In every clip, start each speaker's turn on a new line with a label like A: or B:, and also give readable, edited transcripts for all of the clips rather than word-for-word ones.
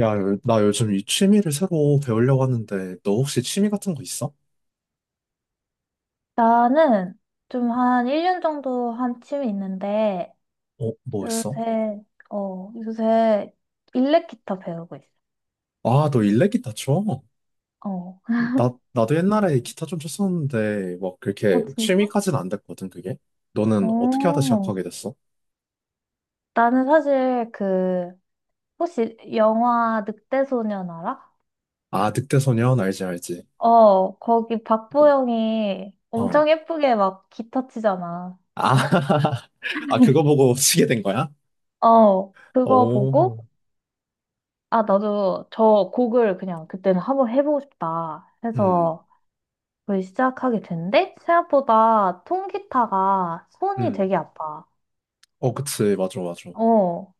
A: 야, 나 요즘 이 취미를 새로 배우려고 하는데, 너 혹시 취미 같은 거 있어?
B: 나는 좀 한 1년 정도 한 취미 있는데,
A: 어, 뭐 했어?
B: 요새, 요새 일렉 기타 배우고 있어.
A: 아, 너 일렉 기타 쳐?
B: 어.
A: 나도 옛날에 기타 좀 쳤었는데, 막 그렇게
B: 어, 진짜?
A: 취미까지는 안 됐거든, 그게? 너는 어떻게 하다
B: 어.
A: 시작하게 됐어?
B: 나는 사실 혹시 영화 늑대소년 알아?
A: 아, 늑대소년, 알지, 알지.
B: 어, 거기 박보영이
A: 어.
B: 엄청 예쁘게 막 기타 치잖아.
A: 아, 아, 그거 보고 치게 된 거야?
B: 어, 그거 보고,
A: 오,
B: 아, 나도 저 곡을 그냥 그때는 한번 해보고 싶다
A: 음,
B: 해서 그걸 시작하게 된데 생각보다 통기타가 손이
A: 음.
B: 되게 아파.
A: 어, 그치, 맞아, 맞아.
B: 어,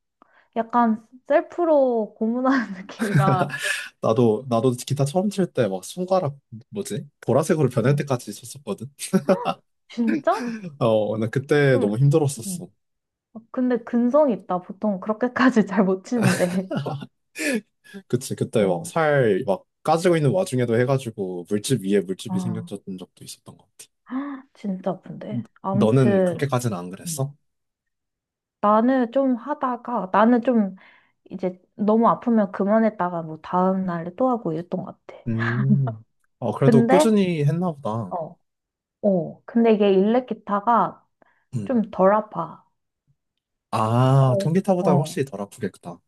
B: 약간 셀프로 고문하는 느낌이라.
A: 나도 기타 처음 칠 때 막 손가락, 뭐지? 보라색으로 변할
B: 응,
A: 때까지 쳤었거든?
B: 진짜?
A: 어, 근데 그때 너무
B: 좀, 응,
A: 힘들었었어.
B: 근데 근성이 있다. 보통 그렇게까지 잘 못 치는데.
A: 그치, 그때 막
B: 어,
A: 살 막 까지고 있는 와중에도 해가지고 물집 위에 물집이
B: 아,
A: 생겼던 적도 있었던 것 같아.
B: 진짜 아픈데.
A: 너는
B: 아무튼
A: 그렇게까지는 안
B: 음.
A: 그랬어?
B: 나는 좀 이제 너무 아프면 그만했다가 뭐 다음 날에 또 하고 이랬던 것 같아.
A: 음, 어, 그래도
B: 근데
A: 꾸준히 했나 보다.
B: 어 어, 근데 이게 일렉 기타가
A: 음.
B: 좀 덜 아파.
A: 아,
B: 거의,
A: 통기타보다
B: 어,
A: 확실히 덜 아프겠다.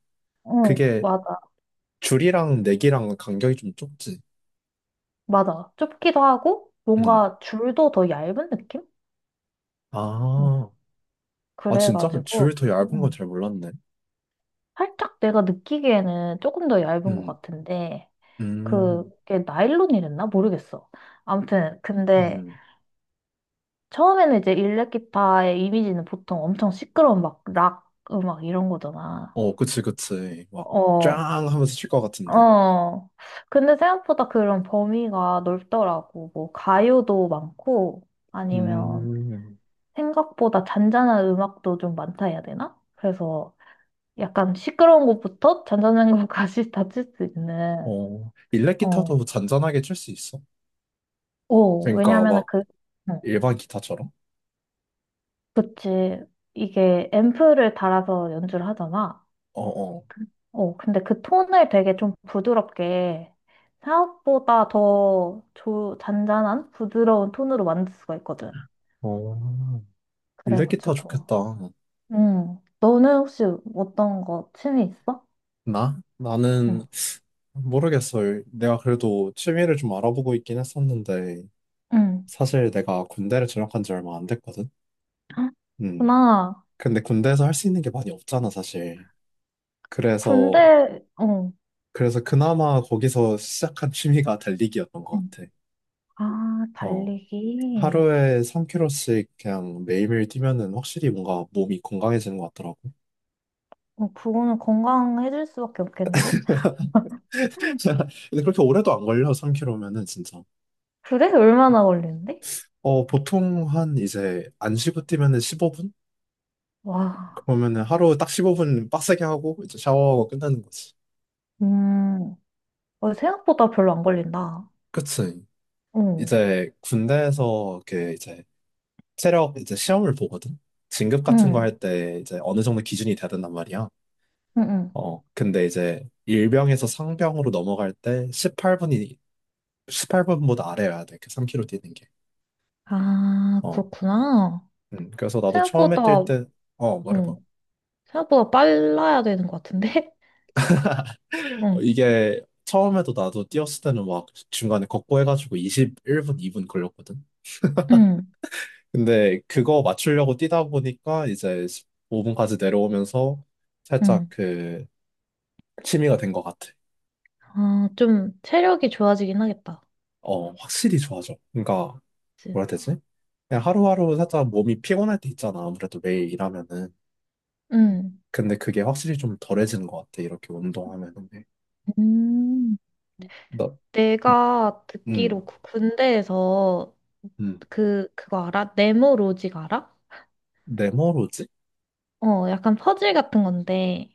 B: 어,
A: 그게
B: 맞아,
A: 줄이랑 내기랑 간격이 좀 좁지.
B: 맞아. 좁기도 하고,
A: 음.
B: 뭔가 줄도 더 얇은 느낌? 음,
A: 아, 아, 진짜?
B: 그래가지고,
A: 줄 더 얇은 건
B: 음,
A: 잘 몰랐네.
B: 살짝 내가 느끼기에는 조금 더 얇은 것
A: 음,
B: 같은데,
A: 음,
B: 그게 나일론이랬나? 모르겠어. 아무튼, 근데
A: 음.
B: 처음에는 이제 일렉 기타의 이미지는 보통 엄청 시끄러운 막 락 음악 이런 거잖아.
A: 어, 그치, 그치. 막, 짱
B: 어,
A: 하면서 칠 것 같은데.
B: 어. 근데 생각보다 그런 범위가 넓더라고. 뭐, 가요도 많고, 아니면
A: 음,
B: 생각보다 잔잔한 음악도 좀 많다 해야 되나? 그래서 약간 시끄러운 것부터 잔잔한 것까지 다칠 수 있는,
A: 어, 일렉
B: 어.
A: 기타도 잔잔하게 칠 수 있어?
B: 오,
A: 그러니까
B: 왜냐면은
A: 막
B: 어,
A: 일반 기타처럼?
B: 그치. 이게 앰프를 달아서 연주를 하잖아.
A: 어, 어,
B: 어, 근데 그 톤을 되게 좀 부드럽게 생각보다 더 잔잔한 부드러운 톤으로 만들 수가 있거든.
A: 어, 일렉 기타
B: 그래가지고.
A: 좋겠다.
B: 응. 너는 혹시 어떤 거 취미 있어?
A: 나? 나는
B: 응.
A: 모르겠어요. 내가 그래도 취미를 좀 알아보고 있긴 했었는데,
B: 응.
A: 사실 내가 군대를 진학한 지 얼마 안 됐거든?
B: 헉,
A: 음.
B: 나
A: 근데 군대에서 할 수 있는 게 많이 없잖아, 사실. 그래서,
B: 군대, 어.
A: 그래서 그나마 거기서 시작한 취미가 달리기였던 것
B: 응.
A: 같아.
B: 아,
A: 어..
B: 달리기.
A: 하루에 3 k g 씩 그냥 매일매일 뛰면은 확실히 뭔가 몸이 건강해지는 것 같더라고.
B: 어, 그거는 건강해질 수밖에 없겠는데?
A: 근데 그렇게 오래도 안 걸려, 3 k g 면은 진짜.
B: 그래? 얼마나 걸리는데?
A: 어, 보통 한 이제 안 쉬고 뛰면은 15분?
B: 와,
A: 그러면은 하루 딱 15분 빡세게 하고 이제 샤워하고 끝나는 거지.
B: 음, 어, 생각보다 별로 안 걸린다.
A: 그치.
B: 어.
A: 이제 군대에서 이렇게 이제 체력 이제 시험을 보거든. 진급 같은 거
B: 응.
A: 할 때 이제 어느 정도 기준이 돼야 된단 말이야.
B: 응. 응.
A: 어, 근데 이제 일병에서 상병으로 넘어갈 때 18분이 18분보다 아래여야 돼. 그 3 k 로 뛰는 게.
B: 아,
A: 어.
B: 그렇구나.
A: 그래서 나도 처음에 뛸
B: 생각보다,
A: 때, 어, 말해봐.
B: 응. 생각보다 빨라야 되는 것 같은데?
A: 어,
B: 응.
A: 이게 처음에도 나도 뛰었을 때는 막 중간에 걷고 해가지고 21분, 2분 걸렸거든.
B: 응.
A: 근데 그거 맞추려고 뛰다 보니까 이제 5분까지 내려오면서 살짝
B: 응.
A: 그 취미가 된 것 같아.
B: 아, 좀 체력이 좋아지긴 하겠다.
A: 어, 확실히 좋아져. 그러니까
B: 그치?
A: 뭐라 해야 되지? 그냥 하루하루 살짝 몸이 피곤할 때 있잖아. 아무래도 매일 일하면은.
B: 응.
A: 근데 그게 확실히 좀 덜해지는 것 같아. 이렇게 운동하면은.
B: 음,
A: 나,
B: 내가
A: 음,
B: 듣기로 그 군대에서
A: 음.
B: 그거 알아? 네모 로직 알아?
A: 네모로지?
B: 어, 약간 퍼즐 같은 건데,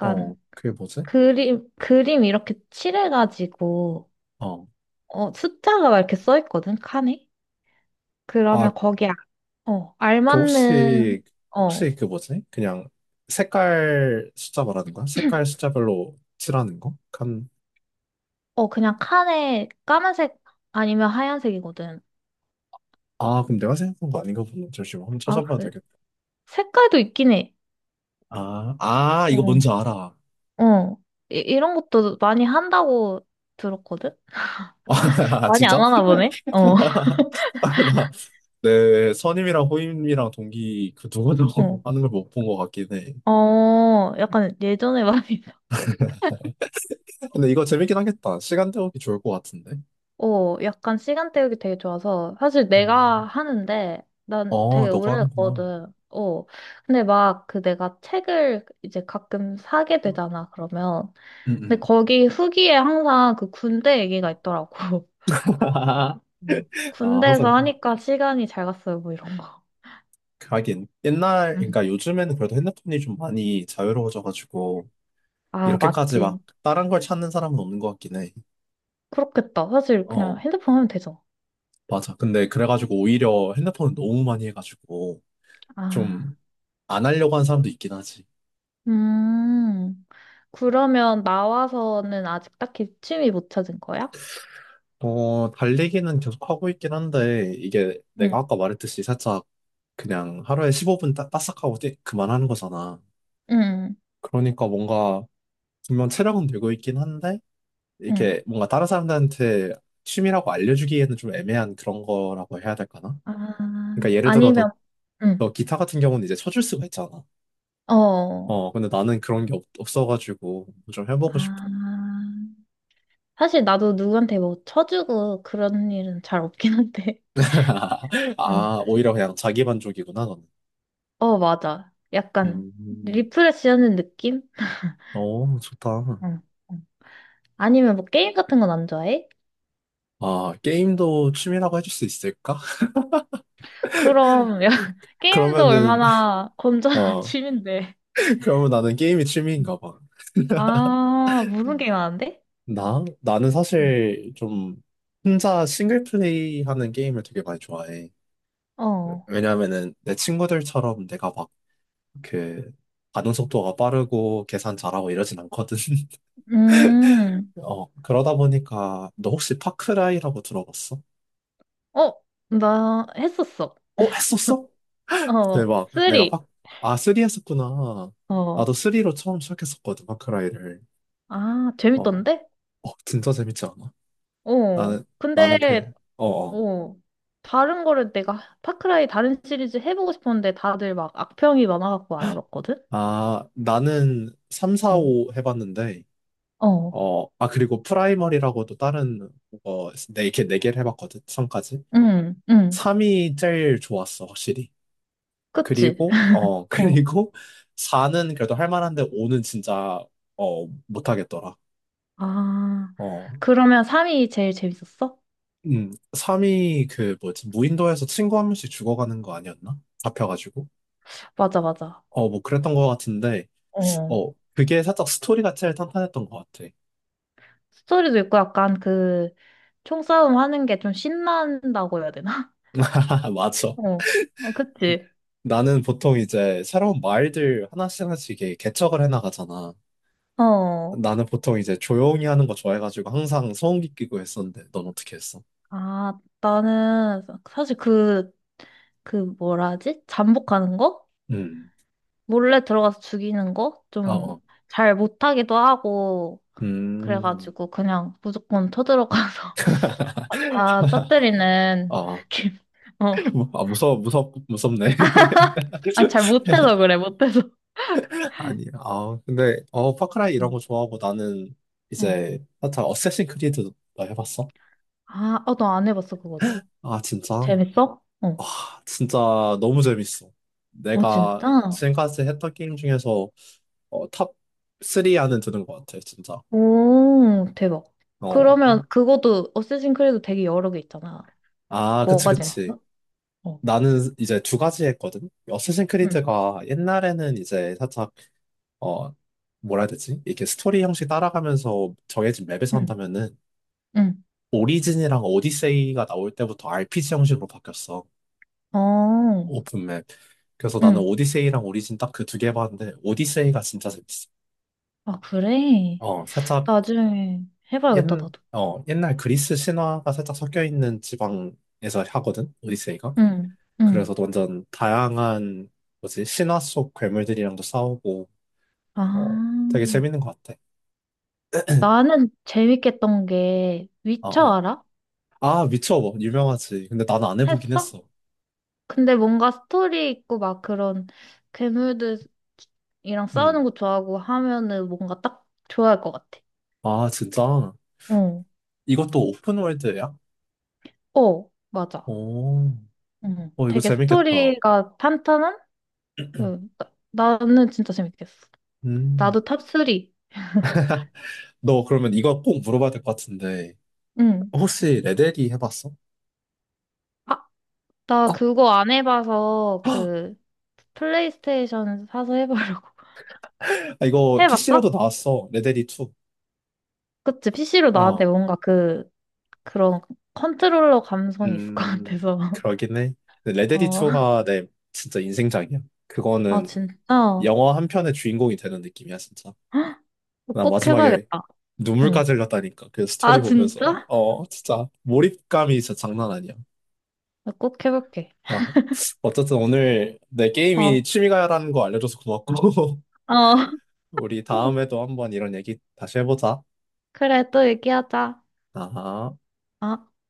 A: 어, 그게 뭐지?
B: 그림 이렇게 칠해가지고,
A: 어,
B: 어, 숫자가 막 이렇게 써 있거든, 칸에?
A: 아,
B: 그러면 거기에, 어,
A: 그 혹시,
B: 알맞는, 어,
A: 혹시 그 뭐지? 그냥 색깔 숫자 말하는 거야? 색깔 숫자별로 칠하는 거? 칸.
B: 어, 그냥 칸에 까만색 아니면 하얀색이거든.
A: 아, 그럼 내가 생각한 거 아닌가 보네. 잠시만, 한번
B: 아,
A: 찾아봐야
B: 그,
A: 되겠다.
B: 색깔도 있긴 해.
A: 아, 이거 뭔지
B: 어,
A: 알아.
B: 어. 이런 것도 많이 한다고 들었거든?
A: 아,
B: 많이 안
A: 진짜?
B: 하나 보네? 어,
A: 아, 나, 내 선임이랑 호임이랑 동기 그 누구도
B: 어.
A: 하는 걸 못 본 것 같긴 해.
B: 어, 약간 예전에 많이,
A: 근데 이거 재밌긴 하겠다. 시간 때우기 좋을 것 같은데.
B: 어, 약간 시간 때우기 되게 좋아서. 사실
A: 음.
B: 내가 하는데, 난
A: 어,
B: 되게
A: 너가 하는구나.
B: 오래됐거든. 어. 근데 막 그 내가 책을 이제 가끔 사게 되잖아, 그러면.
A: 음,
B: 근데
A: 음.
B: 거기 후기에 항상 그 군대 얘기가 있더라고. 어.
A: 아,
B: 군대에서
A: 항상
B: 하니까 시간이 잘 갔어요, 뭐 이런 거.
A: 하긴 옛날,
B: 음.
A: 그러니까 요즘에는 그래도 핸드폰이 좀 많이 자유로워져가지고
B: 아,
A: 이렇게까지
B: 맞지.
A: 막 다른 걸 찾는 사람은 없는 것 같긴 해.
B: 그렇겠다. 사실 그냥
A: 어,
B: 핸드폰 하면 되죠.
A: 맞아. 근데 그래가지고 오히려 핸드폰을 너무 많이 해가지고
B: 아,
A: 좀 안 하려고 하는 사람도 있긴 하지.
B: 음. 그러면 나와서는 아직 딱히 취미 못 찾은 거야?
A: 어, 달리기는 계속 하고 있긴 한데 이게 내가
B: 응,
A: 아까 말했듯이 살짝 그냥 하루에 15분 따, 싹 하고 그만하는 거잖아.
B: 응,
A: 그러니까 뭔가 분명 체력은 되고 있긴 한데
B: 응.
A: 이렇게 뭔가 다른 사람들한테 취미라고 알려주기에는 좀 애매한 그런 거라고 해야 될까나?
B: 아,
A: 그러니까 예를 들어 너,
B: 아니면, 응,
A: 너 기타 같은 경우는 이제 쳐줄 수가 있잖아.
B: 어.
A: 어, 근데 나는 그런 게 없어가지고 좀 해보고 싶어.
B: 아, 사실 나도 누구한테 뭐 쳐주고 그런 일은 잘 없긴 한데. 어,
A: 아, 오히려 그냥 자기 만족이구나, 너는.
B: 어, 맞아. 약간
A: 음,
B: 리프레시 하는 느낌?
A: 어, 좋다.
B: 응, 응. 아니면 뭐 게임 같은 건 안 좋아해?
A: 아, 게임도 취미라고 해줄 수 있을까?
B: 그럼, 야, 게임도
A: 그러면은,
B: 얼마나 건전한
A: 어,
B: 취미인데.
A: 그러면 나는 게임이 취미인가 봐.
B: 아, 무슨 게임 하는데?
A: 나? 나는
B: 음.
A: 사실 좀 혼자 싱글 플레이 하는 게임을 되게 많이 좋아해.
B: 어,
A: 왜냐면은 내 친구들처럼 내가 막 그 반응 속도가 빠르고 계산 잘하고 이러진 않거든.
B: 음,
A: 어, 그러다 보니까 너 혹시 파크라이라고 들어봤어?
B: 어, 나 했었어.
A: 어, 했었어?
B: 어,
A: 대박. 내가
B: 쓰리.
A: 파, 아, 3 했었구나.
B: 어,
A: 나도 3로 처음 시작했었거든, 파크라이를.
B: 아,
A: 어,
B: 재밌던데?
A: 어, 진짜 재밌지 않아?
B: 어,
A: 나는, 나는 그,
B: 근데,
A: 어, 어.
B: 어, 다른 거를 내가 파크라이 다른 시리즈 해보고 싶었는데 다들 막 악평이 많아갖고 안 해봤거든?
A: 아, 나는 3,
B: 어,
A: 4, 5 해봤는데,
B: 어,
A: 어, 아, 그리고 프라이머리라고도 다른, 어, 네, 이렇게 네 개를 해봤거든, 3까지.
B: 응, 응,
A: 3이 제일 좋았어, 확실히.
B: 그치?
A: 그리고, 어,
B: 어,
A: 그리고 4는 그래도 할 만한데 5는 진짜, 어, 못하겠더라.
B: 아,
A: 어,
B: 그러면 3이 제일 재밌었어?
A: 3이 그 뭐지, 무인도에서 친구 한 명씩 죽어가는 거 아니었나? 잡혀가지고.
B: 맞아, 맞아.
A: 어, 뭐 그랬던 것 같은데,
B: 어,
A: 어, 그게 살짝 스토리가 제일 탄탄했던 것 같아.
B: 스토리도 있고 약간 그, 총싸움 하는 게 좀 신난다고 해야 되나?
A: 맞아.
B: 어, 어, 그치.
A: 나는 보통 이제 새로운 마을들 하나씩 하나씩 이렇게 개척을 해나가잖아.
B: 어.
A: 나는 보통 이제 조용히 하는 거 좋아해가지고 항상 소음기 끼고 했었는데, 넌 어떻게 했어?
B: 아, 나는 사실 그, 그 뭐라 하지? 잠복하는 거?
A: 음.
B: 몰래 들어가서 죽이는 거?
A: 어,
B: 좀
A: 어.
B: 잘 못하기도 하고,
A: 음,
B: 그래가지고 그냥 무조건 쳐들어가서 다 터뜨리는
A: 어,
B: 느낌. 어.
A: 뭐, 아, 무서워, 무섭네.
B: 아, 잘 못해서 그래, 못해서.
A: 아니, 아, 근데, 어, 파크라이 이런
B: 응.
A: 거 좋아하고 나는
B: 응.
A: 이제, 하여튼, 어쌔신 크리드도 나 해봤어?
B: 아, 어, 너 안 해봤어, 그거는.
A: 아, 진짜?
B: 재밌어? 어.
A: 와, 진짜 너무 재밌어.
B: 어,
A: 내가
B: 진짜?
A: 지금까지 했던 게임 중에서, 어, 탑 3안은 드는 것 같아, 진짜.
B: 오, 대박.
A: 어.
B: 그러면 그것도 어쌔신 크리드 되게 여러 개 있잖아.
A: 아, 그치,
B: 뭐가 아,
A: 그치.
B: 재밌어? 어.
A: 나는 이제 두 가지 했거든? 어쌔신
B: 응,
A: 크리드가 옛날에는 이제 살짝 어, 뭐라 해야 되지? 이렇게 스토리 형식 따라가면서 정해진 맵에서
B: 응,
A: 한다면은
B: 응.
A: 오리진이랑 오디세이가 나올 때부터 RPG 형식으로 바뀌었어.
B: 어,
A: 오픈맵. 그래서 나는
B: 응.
A: 오디세이랑 오리진 딱 그 두 개 봤는데 오디세이가 진짜 재밌어.
B: 아, 그래?
A: 어, 살짝
B: 나중에
A: 옛,
B: 해봐야겠다, 나도.
A: 옛날 그리스 신화가 살짝 섞여 있는 지방에서 하거든. 오디세이가.
B: 응, 응.
A: 그래서 완전 다양한 뭐지? 신화 속 괴물들이랑도 싸우고 어,
B: 아,
A: 되게 재밌는 것 같아.
B: 나는 재밌겠던 게,
A: 어,
B: 위쳐
A: 어.
B: 알아?
A: 아, 미쳐봐. 유명하지. 근데 나는 안 해보긴
B: 했어?
A: 했어.
B: 근데 뭔가 스토리 있고 막 그런 괴물들이랑 싸우는
A: 음.
B: 거 좋아하고 하면은 뭔가 딱 좋아할 것 같아.
A: 아, 진짜?
B: 어,
A: 이것도 오픈월드야?
B: 어, 맞아.
A: 오, 어, 이거
B: 되게
A: 재밌겠다.
B: 스토리가 탄탄한? 음, 나는 진짜 재밌겠어.
A: 음.
B: 나도 탑3.
A: 너 그러면 이거 꼭 물어봐야 될 것 같은데.
B: 응.
A: 혹시 레데리 해봤어?
B: 아, 나
A: 어?
B: 그거 안 해봐서 그 플레이스테이션 사서 해보려고.
A: 아, 이거 PC로도
B: 해봤어?
A: 나왔어. 레데리 2.
B: 그치, PC로 나왔는데
A: 어,
B: 뭔가 그, 그런 컨트롤러 감성이 있을 것
A: 음,
B: 같아서.
A: 그러긴 해. 근데 레데리
B: 어,
A: 2가 내 진짜 인생작이야.
B: 아,
A: 그거는
B: 진짜?
A: 영화 한 편의 주인공이 되는 느낌이야, 진짜. 나
B: 꼭
A: 마지막에
B: 해봐야겠다. 응.
A: 눈물까지 흘렸다니까. 그 스토리
B: 아,
A: 보면서.
B: 진짜?
A: 어, 진짜 몰입감이 진짜 장난 아니야.
B: 나 꼭 해볼게.
A: 어, 어쨌든 오늘 내 게임이
B: 어,
A: 취미가라는 거 알려줘서 고맙고,
B: 어.
A: 우리 다음에도 한번 이런 얘기 다시 해보자.
B: 그래, 또 얘기하자.
A: 아.
B: 어.